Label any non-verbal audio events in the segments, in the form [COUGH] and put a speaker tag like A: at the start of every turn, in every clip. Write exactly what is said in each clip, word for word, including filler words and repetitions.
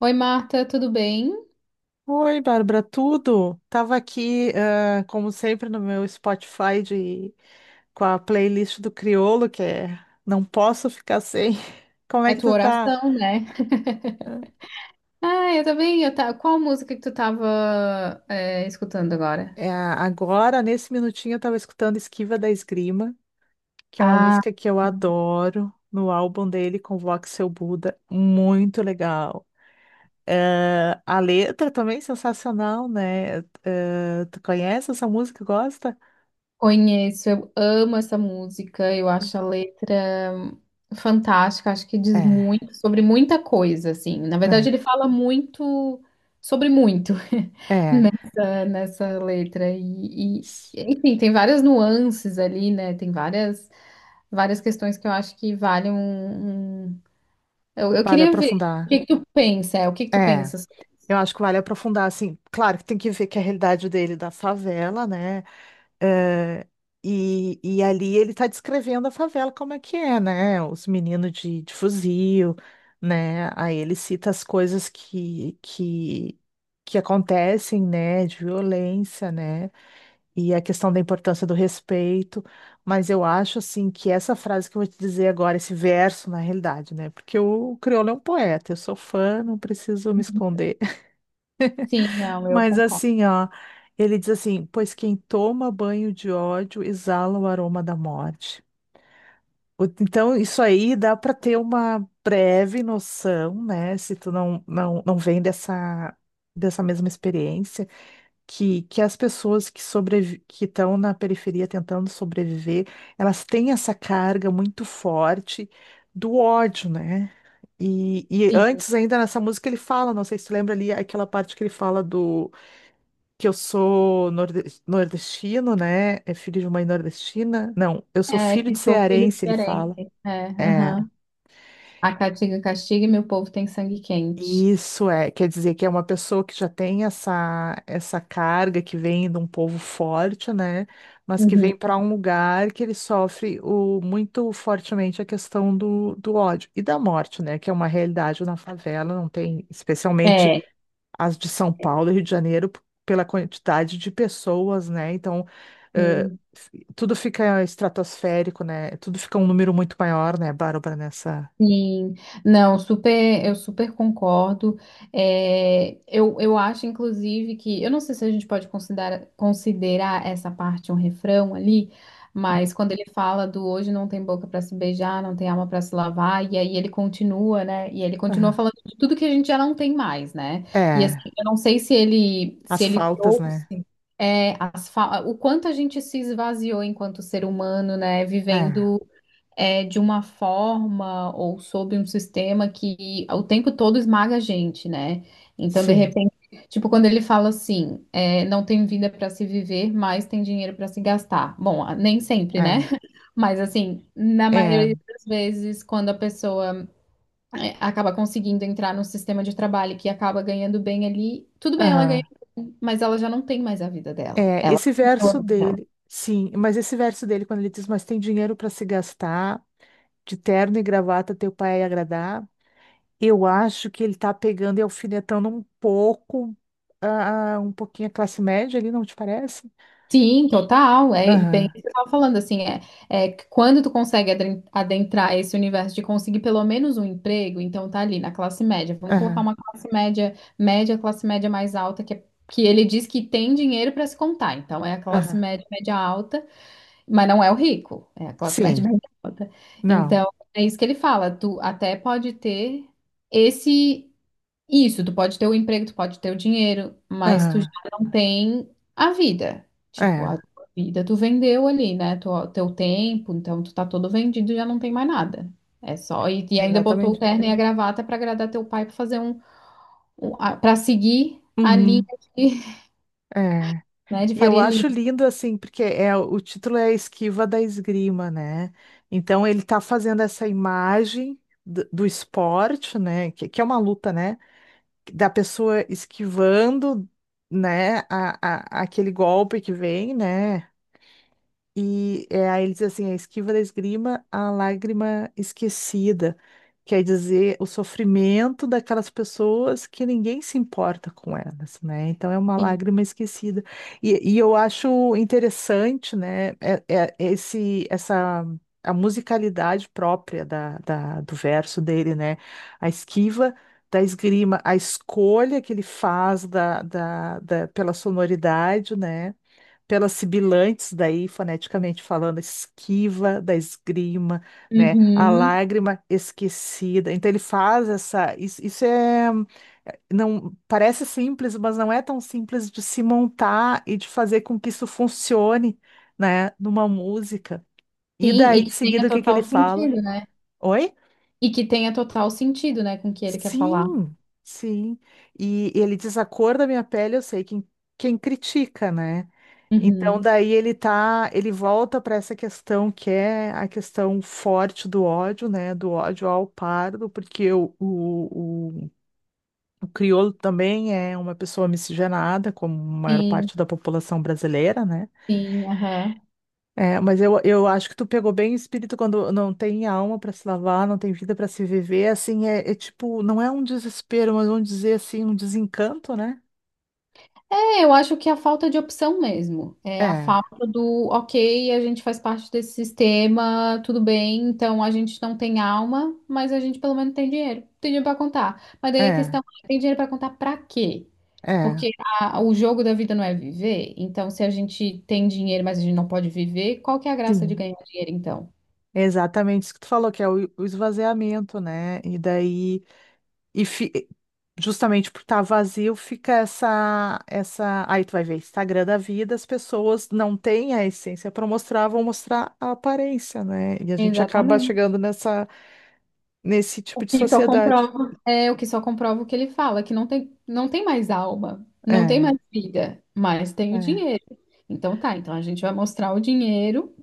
A: Oi, Marta, tudo bem?
B: Oi, Bárbara, tudo? Tava aqui, ah, como sempre, no meu Spotify de... com a playlist do Criolo, que é Não Posso Ficar Sem. [LAUGHS] Como é
A: É
B: que
A: tua
B: tu tá?
A: oração, né? [LAUGHS] Ah, eu também. Eu ta... Qual música que tu tava é, escutando agora?
B: É, agora, nesse minutinho, eu tava escutando Esquiva da Esgrima, que é uma
A: Ah,
B: música que eu adoro, no álbum dele, Convoque Seu Buda, muito legal. Eh, a letra também é sensacional, né? Eh, tu conhece essa música? Gosta?
A: conheço. Eu amo essa música. Eu acho a letra fantástica. Acho que diz
B: É,
A: muito sobre muita coisa, assim. Na
B: é,
A: verdade, ele fala muito sobre muito
B: é.
A: [LAUGHS] eh, nessa letra. E, e, enfim, tem várias nuances ali, né? Tem várias, várias questões que eu acho que valem. Eu, eu
B: Vale
A: queria ver o
B: aprofundar.
A: que que tu pensa, é, o que que tu
B: É,
A: pensas.
B: eu acho que vale aprofundar, assim, claro que tem que ver que é a realidade dele é da favela, né? É, e, e ali ele tá descrevendo a favela como é que é, né? Os meninos de, de fuzil, né? Aí ele cita as coisas que, que, que acontecem, né? De violência, né? E a questão da importância do respeito, mas eu acho assim que essa frase que eu vou te dizer agora, esse verso, na realidade, né? Porque o crioulo é um poeta, eu sou fã, não preciso me esconder.
A: Sim,
B: [LAUGHS]
A: não, eu
B: Mas
A: concordo.
B: assim, ó, ele diz assim: pois quem toma banho de ódio exala o aroma da morte. O- Então, isso aí dá para ter uma breve noção, né? Se tu não, não, não vem dessa, dessa mesma experiência que, que as pessoas que sobrevi que estão na periferia tentando sobreviver, elas têm essa carga muito forte do ódio, né? E, e
A: Sim,
B: antes ainda nessa música ele fala, não sei se tu lembra ali aquela parte que ele fala do que eu sou norde- nordestino, né? É filho de mãe nordestina? Não, eu sou
A: é
B: filho de
A: que sou filho
B: cearense, ele
A: diferente.
B: fala.
A: É,
B: É.
A: aham. A caatinga castiga e meu povo tem sangue quente.
B: Isso é, quer dizer que é uma pessoa que já tem essa, essa carga que vem de um povo forte, né? Mas que
A: Uhum.
B: vem para um lugar que ele sofre o, muito fortemente a questão do, do ódio e da morte, né? Que é uma realidade na favela, não tem, especialmente
A: É,
B: as de São Paulo e Rio de Janeiro, p- pela quantidade de pessoas, né? Então, eh,
A: sim.
B: f- tudo fica estratosférico, né? Tudo fica um número muito maior, né, Bárbara, nessa.
A: Sim, não, super, eu super concordo. É, eu, eu acho, inclusive, que eu não sei se a gente pode considerar, considerar essa parte um refrão ali,
B: Ah,
A: mas quando ele fala do hoje não tem boca para se beijar, não tem alma para se lavar, e aí ele continua, né? E ele continua
B: ah.
A: falando de tudo que a gente já não tem mais, né? E assim,
B: É,
A: eu não sei se ele se
B: as
A: ele
B: faltas, né?
A: trouxe é, as fa- o quanto a gente se esvaziou enquanto ser humano, né?
B: É,
A: Vivendo é, de uma forma ou sob um sistema que o tempo todo esmaga a gente, né? Então, de
B: sim,
A: repente, tipo, quando ele fala assim, é, não tem vida para se viver, mas tem dinheiro para se gastar. Bom, nem sempre, né?
B: é,
A: [LAUGHS] Mas assim, na
B: é,
A: maioria das vezes, quando a pessoa é, acaba conseguindo entrar no sistema de trabalho que acaba ganhando bem ali, tudo bem, ela ganha,
B: aham,
A: bem, mas ela já não tem mais a vida dela.
B: é,
A: Ela.
B: esse verso dele, sim, mas esse verso dele, quando ele diz, mas tem dinheiro para se gastar, de terno e gravata teu pai ia agradar, eu acho que ele tá pegando e alfinetando um pouco, ah, um pouquinho a classe média ali, não te parece?
A: Sim, total. É bem o
B: Aham,
A: que você estava falando, assim, é, é que quando tu consegue adren- adentrar esse universo de conseguir pelo menos um emprego, então tá ali na classe média. Vamos colocar
B: aham,
A: uma classe média, média, classe média mais alta, que, é- que ele diz que tem dinheiro para se contar. Então é a classe
B: aham,
A: média, média alta, mas não é o rico, é a classe média, [LAUGHS]
B: sim,
A: média alta.
B: não,
A: Então é isso que ele fala, tu até pode ter esse. Isso, tu pode ter o emprego, tu pode ter o dinheiro, mas tu já
B: aham,
A: não tem a vida. Tipo,
B: é,
A: a tua vida tu vendeu ali, né? Tu, teu tempo, então tu tá todo vendido e já não tem mais nada. É só. E, e ainda botou o
B: exatamente,
A: terno e a gravata pra agradar teu pai, pra fazer um. Um a- pra seguir a linha
B: uhum,
A: de, [LAUGHS]
B: é.
A: né, de
B: E eu
A: Faria Lima.
B: acho lindo assim, porque é o título é a Esquiva da Esgrima, né? Então ele tá fazendo essa imagem do, do esporte, né? Que, que é uma luta, né? Da pessoa esquivando, né? A, a- aquele golpe que vem, né? E é, aí ele diz assim, a esquiva da esgrima, a lágrima esquecida. Quer dizer, o sofrimento daquelas pessoas que ninguém se importa com elas, né? Então é uma
A: Sim.
B: lágrima esquecida. E, e eu acho interessante, né, é- é- esse, essa, a musicalidade própria da, da- do verso dele, né? A esquiva da esgrima, a escolha que ele faz da, da, da- pela sonoridade, né? Pelas sibilantes daí, foneticamente falando, esquiva da esgrima, né? A
A: Uhum.
B: lágrima esquecida. Então ele faz essa. Isso, isso é. Não parece simples, mas não é tão simples de se montar e de fazer com que isso funcione, né? Numa música. E
A: Sim,
B: daí,
A: e
B: em
A: que tenha
B: seguida, o que que ele
A: total
B: fala?
A: sentido, né?
B: Oi?
A: E que tenha total sentido, né, com o que ele quer falar.
B: Sim, sim. E ele diz a cor da minha pele, eu sei quem, quem critica, né? Então
A: Uhum.
B: daí ele tá, ele volta para essa questão que é a questão forte do ódio, né? Do ódio ao pardo, porque o, o, o, o crioulo também é uma pessoa miscigenada, como a maior
A: Sim,
B: parte da população brasileira, né?
A: sim, aham.
B: É, mas eu, eu acho que tu pegou bem o espírito quando não tem alma para se lavar, não tem vida para se viver, assim, é, é, tipo, não é um desespero, mas vamos dizer assim, um desencanto, né?
A: É, eu acho que é a falta de opção mesmo. É a
B: É,
A: falta do, ok, a gente faz parte desse sistema, tudo bem, então a gente não tem alma, mas a gente pelo menos tem dinheiro. Tem dinheiro pra contar. Mas daí a
B: é,
A: questão é, tem dinheiro pra contar pra quê?
B: é,
A: Porque a- o jogo da vida não é viver, então se a gente tem dinheiro, mas a gente não pode viver, qual que é a graça de
B: sim.
A: ganhar dinheiro então?
B: É exatamente isso que tu falou, que é o, o esvaziamento, né? E daí, e fi- justamente por estar vazio, fica essa, essa, aí tu vai ver Instagram da vida, as pessoas não têm a essência para mostrar, vão mostrar a aparência, né? E a gente acaba
A: Exatamente.
B: chegando nessa nesse
A: O
B: tipo de
A: que só
B: sociedade.
A: comprova. É, o que só comprova o que ele fala, que não tem, não tem mais alma, não tem
B: É,
A: mais vida, mas tem o
B: é.
A: dinheiro. Então tá, então a gente vai mostrar o dinheiro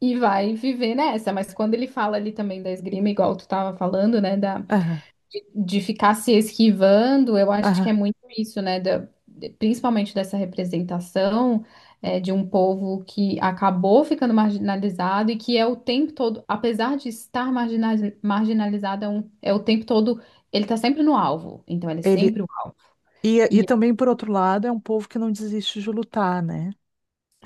A: e vai viver nessa. Mas quando ele fala ali também da esgrima, igual tu tava falando, né, da,
B: Aham,
A: de ficar se esquivando, eu acho que é
B: aham.
A: muito isso, né? Da- de- principalmente dessa representação é, de um povo que acabou ficando marginalizado e que é o tempo todo, apesar de estar margina- marginalizado, é, um- é o tempo todo, ele tá sempre no alvo. Então, ele é
B: Ele,
A: sempre o alvo.
B: e, e também, por outro lado, é um povo que não desiste de lutar, né?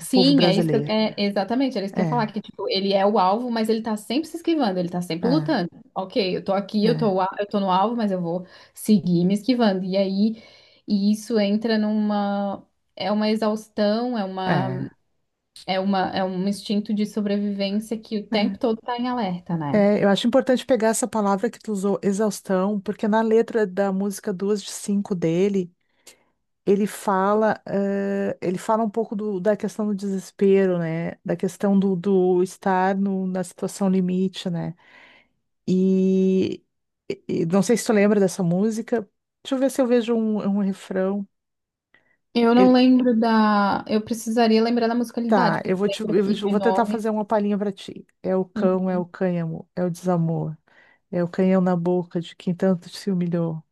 B: O povo
A: é isso que eu-
B: brasileiro.
A: é, exatamente, era isso que eu ia falar,
B: É,
A: que tipo, ele é o alvo, mas ele tá sempre se esquivando, ele tá sempre
B: é,
A: lutando. Ok, eu tô aqui, eu
B: é,
A: tô, a- eu tô no alvo, mas eu vou seguir me esquivando. E aí, e isso entra numa, é uma exaustão, é uma,
B: é.
A: é uma, é um instinto de sobrevivência que o tempo
B: É.
A: todo tá em alerta, né?
B: É, eu acho importante pegar essa palavra que tu usou, exaustão, porque na letra da música Duas de Cinco dele, ele fala, eh, ele fala um pouco do- da questão do desespero, né? Da questão do, do estar no- na situação limite, né? E, e não sei se tu lembra dessa música. Deixa eu ver se eu vejo um, um refrão.
A: Eu não
B: Ele,
A: lembro da, eu precisaria lembrar da musicalidade,
B: tá,
A: porque
B: eu
A: tu
B: vou te, eu
A: lembra
B: vou
A: aqui
B: te- eu
A: de
B: vou tentar fazer
A: nomes.
B: uma palhinha pra ti. É o cão, é o
A: Uhum.
B: cânhamo, é o desamor, é o canhão na boca de quem tanto se humilhou.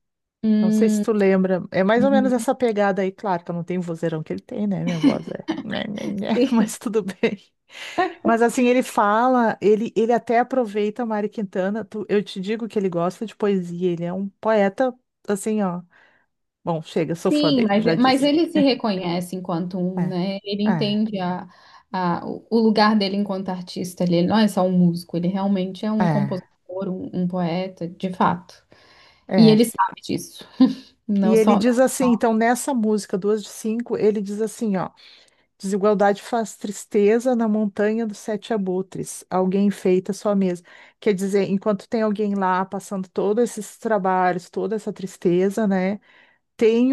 B: Não sei se
A: Hum,
B: tu lembra. É mais ou menos
A: uhum.
B: essa pegada aí, claro que eu não tenho o vozeirão que ele tem, né? Minha voz é. Né, né, né, [LAUGHS]
A: [LAUGHS]
B: mas tudo bem. Mas assim, ele fala, ele, ele até aproveita Mari Quintana. tu- eu te digo que ele gosta de poesia, ele é um poeta, assim, ó. Bom, chega, sou fã
A: Sim,
B: dele,
A: mas,
B: já
A: mas
B: disse.
A: ele se reconhece enquanto um,
B: É,
A: né? Ele
B: é,
A: entende a, a, o o lugar dele enquanto artista. Ele não é só um músico, ele realmente é um
B: é,
A: compositor, um, um poeta, de fato. E
B: é.
A: ele sabe disso.
B: E
A: Não
B: ele
A: só.
B: diz assim, então nessa música, duas de cinco, ele diz assim, ó, desigualdade faz tristeza na montanha dos sete abutres, alguém enfeita sua mesa. Quer dizer, enquanto tem alguém lá passando todos esses trabalhos, toda essa tristeza, né? tem,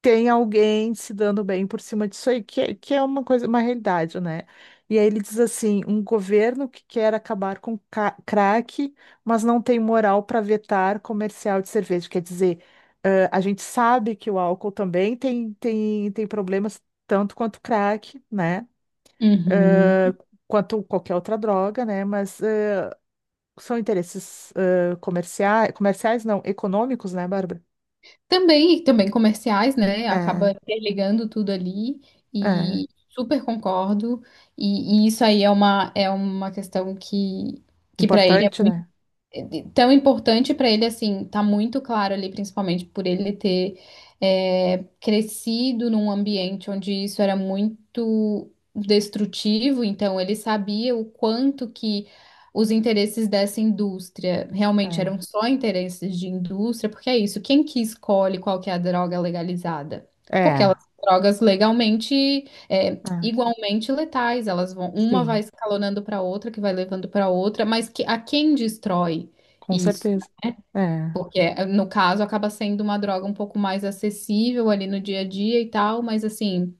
B: tem alguém se dando bem por cima disso aí, que, é- que é uma coisa, uma realidade, né? E aí ele diz assim, um governo que quer acabar com ca- crack, mas não tem moral para vetar comercial de cerveja. Quer dizer, ãh, a gente sabe que o álcool também tem, tem, tem problemas, tanto quanto crack, né?
A: Uhum.
B: Ãh, quanto qualquer outra droga, né? Mas ãh, são interesses comerciais, comerciais não, econômicos, né, Bárbara?
A: Também, também comerciais, né? Acaba
B: É,
A: interligando tudo ali
B: é.
A: e super concordo. E, e isso aí é uma, é uma questão que, que para ele é
B: Importante,
A: muito
B: né?
A: de- tão importante para ele assim, tá muito claro ali, principalmente por ele ter é, crescido num ambiente onde isso era muito destrutivo, então ele sabia o quanto que os interesses dessa indústria realmente
B: É,
A: eram só interesses de indústria, porque é isso, quem que escolhe qual que é a droga legalizada? Porque
B: é,
A: elas são drogas legalmente é,
B: é,
A: igualmente letais. Elas vão, uma vai
B: sim,
A: escalonando para outra, que vai levando para outra, mas que, a quem destrói?
B: com
A: Isso,
B: certeza. É,
A: porque eh, no caso acaba sendo uma droga um pouco mais acessível ali no dia a dia e tal, mas assim,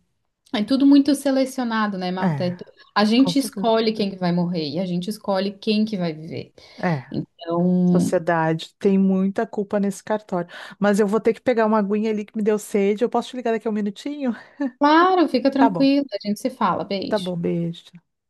A: é tudo muito selecionado, né, Marta? É
B: é,
A: tu- A
B: com
A: gente
B: certeza.
A: escolhe quem que vai morrer e a gente escolhe quem que vai viver.
B: É,
A: Então,
B: sociedade tem muita culpa nesse cartório. Mas eu vou ter que pegar uma aguinha ali que me deu sede. Eu posso te ligar daqui a um minutinho?
A: claro, fica
B: Tá bom,
A: tranquilo, a gente se fala,
B: tá
A: beijo.
B: bom, beijo.